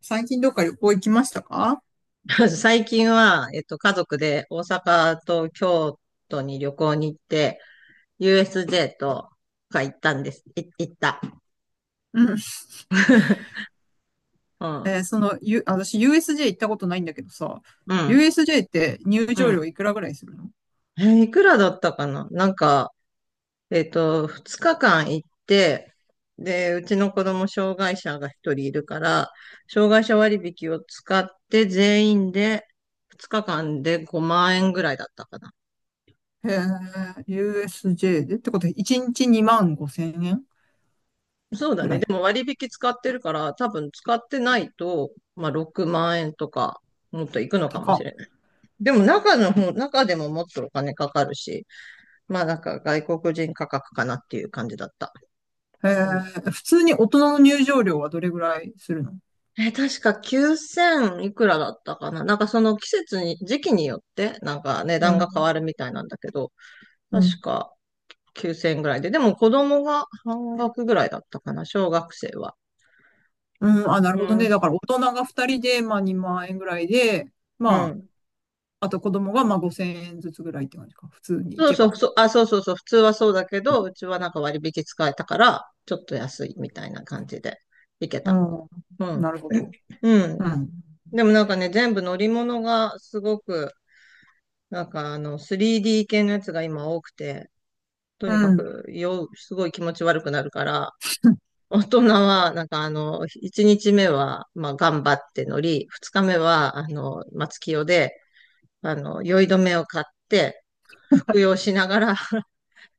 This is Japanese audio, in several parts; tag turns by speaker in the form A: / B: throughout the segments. A: 最近どっか旅行行きましたか？
B: 最近は、家族で大阪と京都に旅行に行って、USJ とか行ったんです。行った。
A: うん。
B: うん。
A: 私 USJ 行ったことないんだけどさ、
B: うん。
A: USJ って入
B: う
A: 場料
B: ん。
A: いくらぐらいするの？
B: いくらだったかな、なんか、2日間行って、で、うちの子供障害者が一人いるから、障害者割引を使って全員で2日間で5万円ぐらいだったか。
A: へえ、USJ でってことで、1日2万5千円
B: そうだ
A: ぐ
B: ね。
A: らい。
B: でも割引使ってるから、多分使ってないと、まあ6万円とか、もっといくのかも
A: 高
B: しれ
A: っ。
B: ない。でも中の方、中でももっとお金かかるし、まあなんか外国人価格かなっていう感じだった。
A: へ
B: う
A: え、
B: ん。
A: 普通に大人の入場料はどれぐらいするの？
B: え、確か9000いくらだったかな。なんかその季節に、時期によって、なんか値
A: う
B: 段が変わる
A: ん。
B: みたいなんだけど、
A: うん。
B: 確か9000ぐらいで。でも子供が半額ぐらいだったかな、小学生は。
A: うん。あ、なる
B: う
A: ほどね。
B: ん。
A: だから大人が2人で、まあ2万円ぐらいで、
B: う
A: ま
B: ん。
A: あ、あと子供がまあ5千円ずつぐらいって感じか。普通に行
B: そう
A: け
B: そ
A: ば。
B: う、そう、あ、そうそうそう、普通はそうだけど、うちはなんか割引使えたから、ちょっと安いみたいな感じで行け
A: う
B: た。
A: ん。
B: うん。
A: なるほど。
B: うん。
A: うん。
B: でもなんかね、全部乗り物がすごく、なんかあの、3D 系のやつが今多くて、とに
A: う
B: か
A: ん。
B: く、すごい気持ち悪くなるから、大人は、なんかあの、1日目は、まあ、頑張って乗り、2日目は、あの、松清で、あの、酔い止めを買って、服用しながら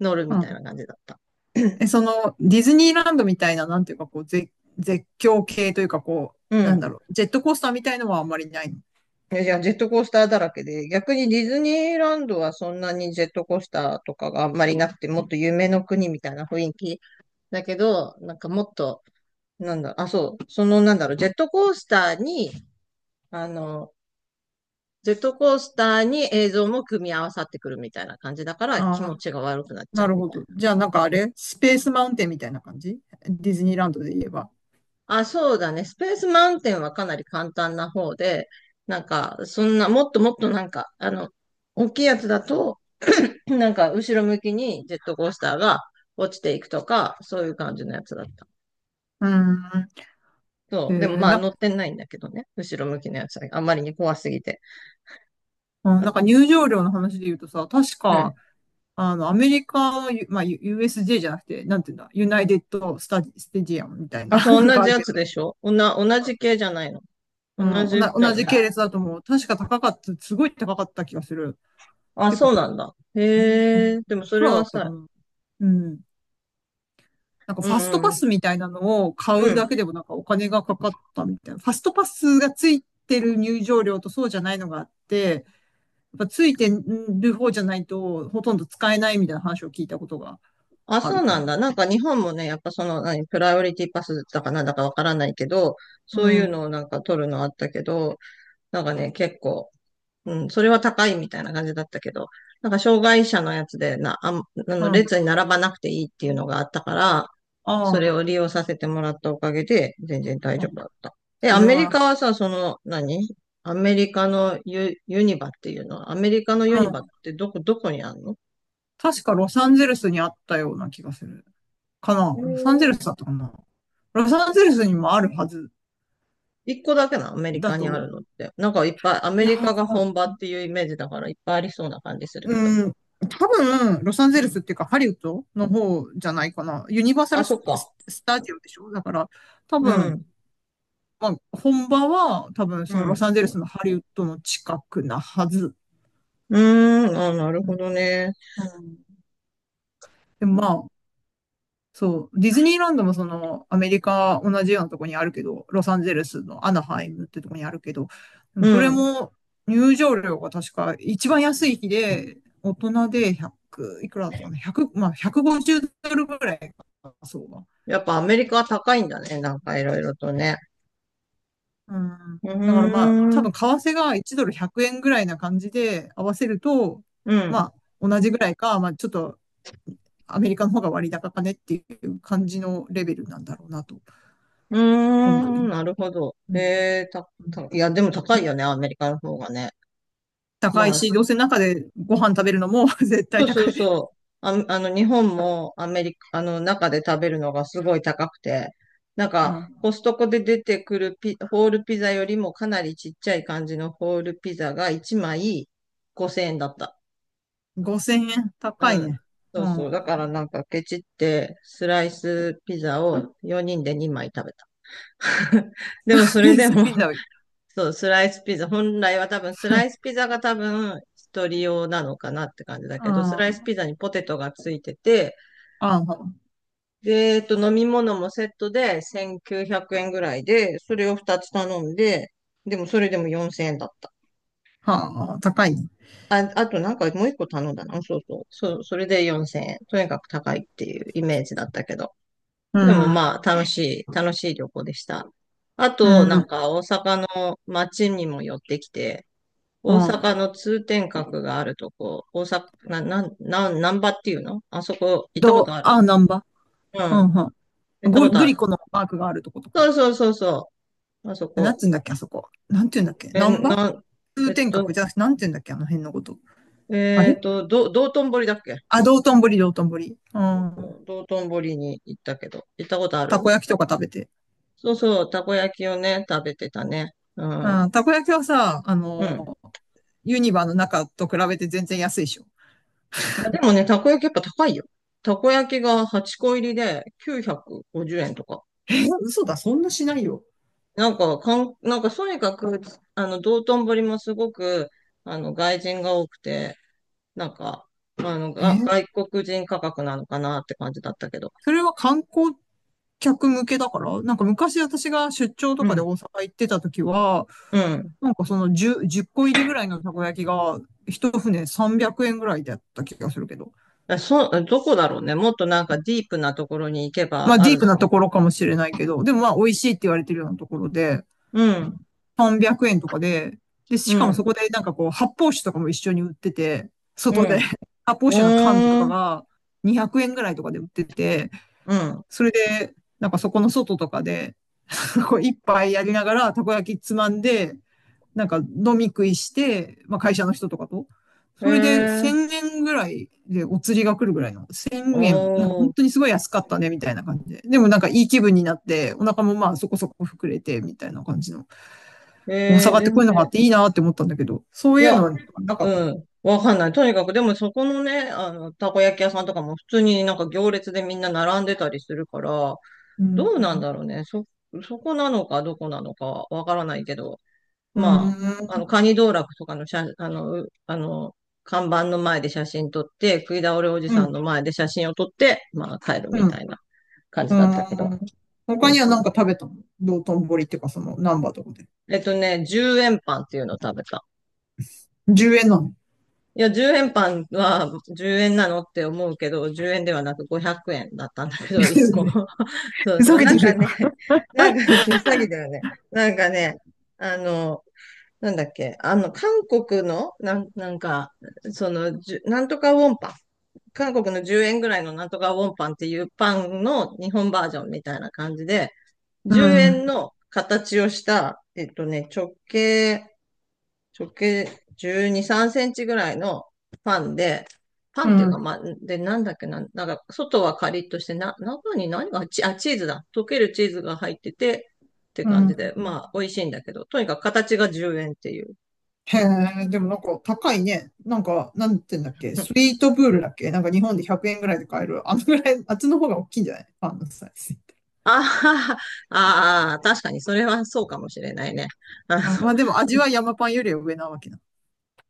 B: 乗る
A: う
B: みたい
A: ん。
B: な感じだった。
A: え、その、ディズニーランドみたいな、なんていうか、こう、絶叫系というか、こ
B: う
A: う、なんだ
B: ん。
A: ろう、ジェットコースターみたいのはあんまりないの？
B: いやいや、ジェットコースターだらけで、逆にディズニーランドはそんなにジェットコースターとかがあんまりなくて、もっと夢の国みたいな雰囲気だけど、なんかもっと、なんだ、あ、そう、そのなんだろう、ジェットコースターに、あの、ジェットコースターに映像も組み合わさってくるみたいな感じだから気
A: ああ、
B: 持ちが悪くなっち
A: な
B: ゃう
A: る
B: み
A: ほ
B: たい
A: ど。
B: な。
A: じゃあ、なんかあれスペースマウンテンみたいな感じ？ディズニーランドで言えば。
B: あ、そうだね。スペースマウンテンはかなり簡単な方で、なんか、そんな、もっともっとなんか、あの、大きいやつだと、なんか後ろ向きにジェットコースターが落ちていくとか、そういう感じのやつだった。
A: うん。え
B: そう。でも
A: ー、
B: まあ
A: な、
B: 乗ってないんだけどね。後ろ向きのやつはあまりに怖すぎて。
A: うん。
B: あ、
A: なんか入場料の話で言うとさ、確
B: う
A: か、
B: ん。
A: アメリカの、ゆまあ、U- s j じゃなくて、なんていうんだ、ユナイテッドスタジ、ステジアムみたいな、
B: あ、そ
A: な
B: う、
A: ん
B: 同
A: かあ
B: じ
A: る
B: や
A: け
B: つ
A: ど。
B: でしょ、同じ系じゃないの。
A: うん、
B: 同じだ
A: 同
B: よね。
A: じ系列だと思う。確か高かった、すごい高かった気がする。
B: あ、
A: て
B: そ
A: か、
B: うなんだ。
A: う
B: へ
A: ん。
B: え、でもそれ
A: 黒だ
B: は
A: ったか
B: さ、
A: な。うん。なんか
B: う
A: ファスト
B: ん。
A: パ
B: うん、
A: スみたいなのを買
B: う
A: う
B: ん。
A: だけでもなんかお金がかかったみたいな。ファストパスがついてる入場料とそうじゃないのがあって、やっぱついてる方じゃないとほとんど使えないみたいな話を聞いたことが
B: あ、
A: ある
B: そう
A: か
B: な
A: な。
B: んだ。なんか日本もね、やっぱその、何、プライオリティパスだかなんだかわからないけど、
A: う
B: そうい
A: ん。
B: う
A: う
B: のをなんか取るのあったけど、なんかね、結構、うん、それは高いみたいな感じだったけど、なんか障害者のやつでな、あん、あの
A: ん。
B: 列に並ばなくていいっていうのがあったから、
A: あ
B: それ
A: あ。
B: を利用させてもらったおかげで、全然大丈
A: あ、
B: 夫だった。え、
A: そ
B: ア
A: れ
B: メリ
A: は
B: カはさ、その、何アメリカのユニバっていうのは、アメリカのユニ
A: 楽、
B: バ
A: う
B: っ
A: ん。
B: てどこ、どこにあるの？
A: 確かロサンゼルスにあったような気がする。
B: え
A: ロサンゼル
B: ー
A: スだったかな。ロサンゼルスにもあるはず
B: 一個だけなの、アメリ
A: だ
B: カにあ
A: と、
B: るのって。なんかいっぱい、ア
A: い
B: メ
A: や
B: リカが
A: ー、
B: 本場っていうイメージだからいっぱいありそうな感じするけど。
A: うん、多分、ロサンゼ
B: う
A: ルスっ
B: ん。
A: ていうか、ハリウッドの方じゃないかな。ユニバーサ
B: あ、
A: ル
B: そ
A: ス、
B: っか。
A: ススタジオでしょ。だから、多
B: う
A: 分、
B: ん。
A: まあ、本場は、多分、
B: う
A: そのロ
B: ん。
A: サンゼルスのハリウッドの近くなはず。
B: うーん、あ、なる
A: う
B: ほ
A: ん。
B: どね。
A: うん。でもまあ、そう、ディズニーランドもその、アメリカ同じようなとこにあるけど、ロサンゼルスのアナハイムってとこにあるけど、で
B: う
A: もそれ
B: ん。
A: も入場料が確か一番安い日で、大人で100、いくらだったかな、100、まあ150ドルぐらいか、そうだ。
B: やっぱアメリカは高いんだね。なんかいろいろとね。
A: うん。
B: うー
A: だからまあ、多
B: ん、
A: 分為替が1ドル100円ぐらいな感じで合わせると、
B: うん、
A: まあ、同じぐらいか、まあちょっと、アメリカの方が割高かねっていう感じのレベルなんだろうなと
B: うー
A: 思う。
B: ん、なるほど。
A: うん。
B: えー、た、
A: うん。
B: た、いや、でも高いよね、アメリカの方がね。
A: 高
B: ま
A: いし、
B: あ、
A: どうせ中でご飯食べるのも 絶
B: そ
A: 対
B: うそう
A: 高い。
B: そう。あ、あの、日本もアメリカ、あの、中で食べるのがすごい高くて、なん
A: う
B: か、
A: ん。
B: コストコで出てくるホールピザよりもかなりちっちゃい感じのホールピザが1枚5000円だった。
A: 5000円高い
B: うん。
A: ね。
B: そ
A: う
B: う
A: ん。
B: そう。だからなんかケチってスライスピザを4人で2枚食べた。でもそ
A: ス
B: れ
A: イ
B: で
A: ス
B: も、
A: ピ ザ、うん。
B: そう、スライスピザ、本来は多分スライスピザが多分一人用なのかなって感じだけど、スライス
A: あ
B: ピザにポテトがついてて、
A: あ、
B: で、飲み物もセットで1900円ぐらいで、それを2つ頼んで、でもそれでも4000円だった。
A: はあ、高いね。
B: あ、あとなんかもう一個頼んだな。そうそう。そう、それで4000円。とにかく高いっていうイメージだったけど。
A: う
B: でも
A: ん。
B: まあ、楽しい、楽しい旅行でした。あ
A: う
B: と、なん
A: ん。
B: か大阪の街にも寄ってきて、
A: う
B: 大阪
A: ん。
B: の通天閣があるとこ、大阪、なんばっていうのあそこ行ったことある？
A: あ、ナンバ。
B: うん。
A: うん、はん。
B: 行った
A: ゴ
B: こと
A: グ
B: あ
A: リ
B: る。
A: コのマークがあるとことか。
B: そうそうそうそう。あそ
A: なん
B: こ。
A: つうんだっけ、あそこ。なんて言うんだっけ。
B: え、
A: ナンバ
B: なん、え
A: 通
B: っ
A: 天閣
B: と、
A: じゃなくて、なんて言うんだっけ、あの辺のこと。あ
B: えっ
A: れ
B: と、ど、道頓堀だっけ？
A: あ、道頓堀、道頓堀。うん。
B: 道頓堀に行ったけど、行ったことあ
A: たこ
B: る？
A: 焼きとか食べて。
B: そうそう、たこ焼きをね、食べてたね。うん。
A: うん。たこ焼きはさ、
B: うん。
A: ユニバの中と比べて全然安いでしょ？
B: いやでもね、たこ焼きやっぱ高いよ。たこ焼きが8個入りで950円とか。
A: え嘘だ、そんなしないよ。
B: なんか、なんか、とにかく、あの、道頓堀もすごく、あの、外人が多くて、なんか、あの、
A: え
B: 外国人価格なのかなって感じだったけど。
A: それは観光客向けだからなんか昔私が出張
B: う
A: とかで
B: ん、
A: 大阪行ってた時は、
B: うん。
A: なんかその10、個入りぐらいのたこ焼きが、一船300円ぐらいだった気がするけど。
B: あそう、どこだろうね。もっとなんかディープなところに行け
A: ま
B: ば
A: あ
B: あ
A: ディ
B: る
A: ー
B: の
A: プ
B: か
A: な
B: も。
A: ところかもしれないけど、でもまあ美味しいって言われてるようなところで、
B: うん、
A: 300円とかで、で、
B: う
A: しかもそ
B: ん、
A: こでなんかこう発泡酒とかも一緒に売ってて、
B: う
A: 外で
B: ん。
A: 発泡酒の缶と
B: うー
A: か
B: ん、
A: が200円ぐらいとかで売ってて、
B: うん。
A: それで、なんかそこの外とかで、一杯やりながら、たこ焼きつまんで、なんか飲み食いして、まあ会社の人とかと。
B: へえ
A: それで
B: ー、
A: 1000円ぐらいでお釣りが来るぐらいの、
B: お
A: 1000円、なんか本
B: ー、
A: 当にすごい安かったね、みたいな感じで。でもなんかいい気分になって、お腹もまあそこそこ膨れて、みたいな感じの。大
B: えー、
A: 阪って
B: 全
A: こういうのがあっ
B: 然。
A: ていいなって思ったんだけど、そ
B: い
A: ういう
B: や、
A: のはなかったの。
B: うん。わかんない。とにかく、でもそこのね、あの、たこ焼き屋さんとかも普通になんか行列でみんな並んでたりするから、
A: う
B: ど
A: ん。
B: うなんだろうね。そこなのかどこなのかわからないけど、
A: う
B: まあ、あの、
A: ん。
B: カニ道楽とかの写、あの、うあの、看板の前で写真撮って、食い倒れおじ
A: う
B: さん
A: ん。
B: の前で写真を撮って、まあ帰る
A: う
B: み
A: ん。
B: た
A: う
B: いな感じだったけど。
A: ーん。
B: そ
A: 他
B: う
A: には
B: そう。
A: 何か食べたの？道頓堀っていうか、その、難波とかで。
B: 10円パンっていうのを食べた。
A: 10円なの？
B: いや、10円パンは10円なのって思うけど、10円ではなく500円だったんだけど、1個。そう
A: ふ
B: そ
A: ざ
B: う。
A: け
B: なん
A: てる
B: か
A: よ。
B: ね、なんか詐欺 だよね。なんかね、あの、なんだっけ、あの、韓国の、なんか、その、じゅなんとかウォンパン。韓国の10円ぐらいのなんとかウォンパンっていうパンの日本バージョンみたいな感じで、
A: う
B: 10
A: ん。
B: 円の形をした、えっとね、直径12、3センチぐらいのパンで、パ
A: う
B: ンっていうか、
A: ん。
B: まあ、で、なんだっけな、なんか、外はカリッとして、な、中に何が、チーズだ。溶けるチーズが入ってて、って
A: う
B: 感
A: ん。
B: じで、まあ、美味しいんだけど、とにかく形が10円っていう。
A: へえ、でもなんか高いね。なんか、なんて言うんだっ け。
B: う
A: ス
B: ん。
A: イートプールだっけ？なんか日本で100円ぐらいで買える。あのぐらい、あっちの方が大きいんじゃない？パンのサイズって。
B: ああ、ああ、確かにそれはそうかもしれないね。あ
A: あまあでも味は山パンよりは上なわけな。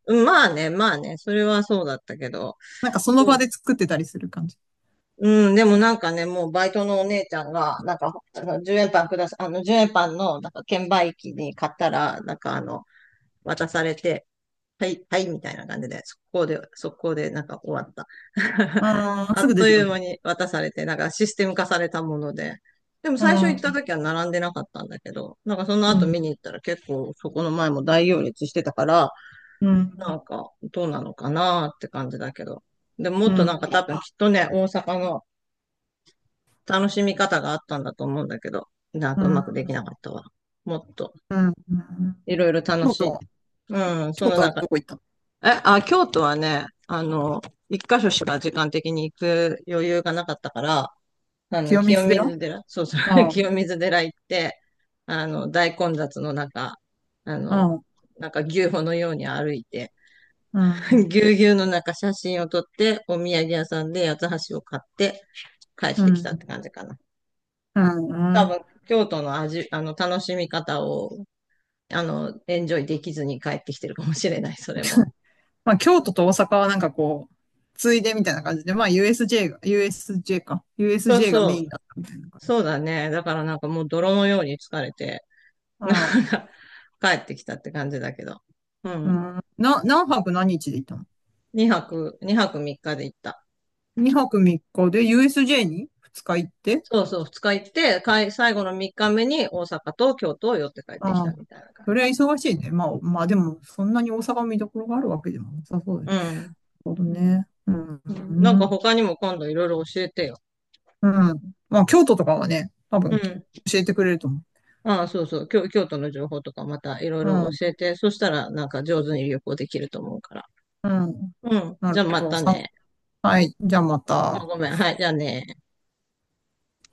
B: の、まあね、まあね、それはそうだったけど、
A: なんかその
B: そ
A: 場
B: う。
A: で作ってたりする感じ。
B: うん、でもなんかね、もうバイトのお姉ちゃんが、なんか、あの10円パンください、あの、10円パンの、なんか、券売機に買ったら、なんか、あの、渡されて、はい、はい、みたいな感じで、速攻で、速攻で、なんか終わった。
A: ああ、
B: あ
A: すぐ
B: っ
A: 出
B: と
A: て
B: い
A: くる
B: う
A: ん
B: 間
A: だ。
B: に渡されて、なんかシステム化されたもので。でも
A: う
B: 最初行った
A: ん、
B: 時は並んでなかったんだけど、なんかその
A: う
B: 後
A: ん、
B: 見に行ったら結構そこの前も大行列してたから、
A: う
B: な
A: ん、
B: んかどうなのかなって感じだけど。でももっ
A: う
B: となんか
A: ん、
B: 多分きっとね、大阪の楽しみ方があったんだと思うんだけど、なん
A: う
B: かうま
A: ん、
B: くできなかったわ。もっと、
A: うん。
B: いろいろ楽
A: 京
B: しい。
A: 都、
B: うん、そ
A: 京
B: の
A: 都
B: な
A: は
B: んか、
A: どこ行った？
B: え、あ、京都はね、あの、一箇所しか時間的に行く余裕がなかったから、あの、
A: 清水
B: 清
A: 寺。
B: 水寺、そうそう、
A: ああ、
B: 清水寺行って、あの、大混雑の中、あ
A: う
B: の、
A: ん、
B: なんか牛歩のように歩いて、
A: う ん、
B: ぎゅうぎゅうの中写真を撮って、お土産屋さんで八つ橋を買って帰
A: う
B: っ
A: ん、う
B: てきたって
A: ん。
B: 感じかな。
A: う
B: 多
A: ん。
B: 分、京都の、あの、楽しみ方を、あの、エンジョイできずに帰ってきてるかもしれない、それも。
A: まあ、京都と大阪はなんかこう、ついでみたいな感じで、まあ、USJ が、USJ か。
B: そう
A: USJ が
B: そ
A: メ
B: う、
A: インだったみたいな感じ。
B: そうだね。だからなんかもう泥のように疲れて、なん
A: ああ、
B: か、帰ってきたって感じだけど。う
A: う
B: ん。
A: ん。何泊何日で行ったの
B: 2泊3日で行った。
A: ?2 泊3日で USJ に2日行って。
B: そうそう、2日行って、かい、最後の3日目に大阪と京都を寄って帰ってき
A: あ
B: た
A: あ、
B: みたいな感
A: それ
B: じ。
A: は忙しいね。まあでも、そんなに大阪見どころがあるわけでもなさそうで
B: う
A: す。
B: ん。
A: なるほど
B: うん。
A: ね。うん、
B: なん
A: う
B: か
A: ん。
B: 他にも今度いろいろ教えてよ。
A: まあ、京都とかはね、多
B: う
A: 分教
B: ん。
A: えてくれると思
B: ああ、そうそう、京都の情報とかまたいろい
A: う。
B: ろ
A: う
B: 教え
A: ん、
B: て、そしたらなんか上手に旅行できると思うから。
A: うん。
B: うん。
A: なる
B: じゃあ
A: ほ
B: ま
A: ど。
B: た
A: さん
B: ね。
A: はい。じゃあま
B: あ、
A: た。
B: ごめん。はい、じゃあね。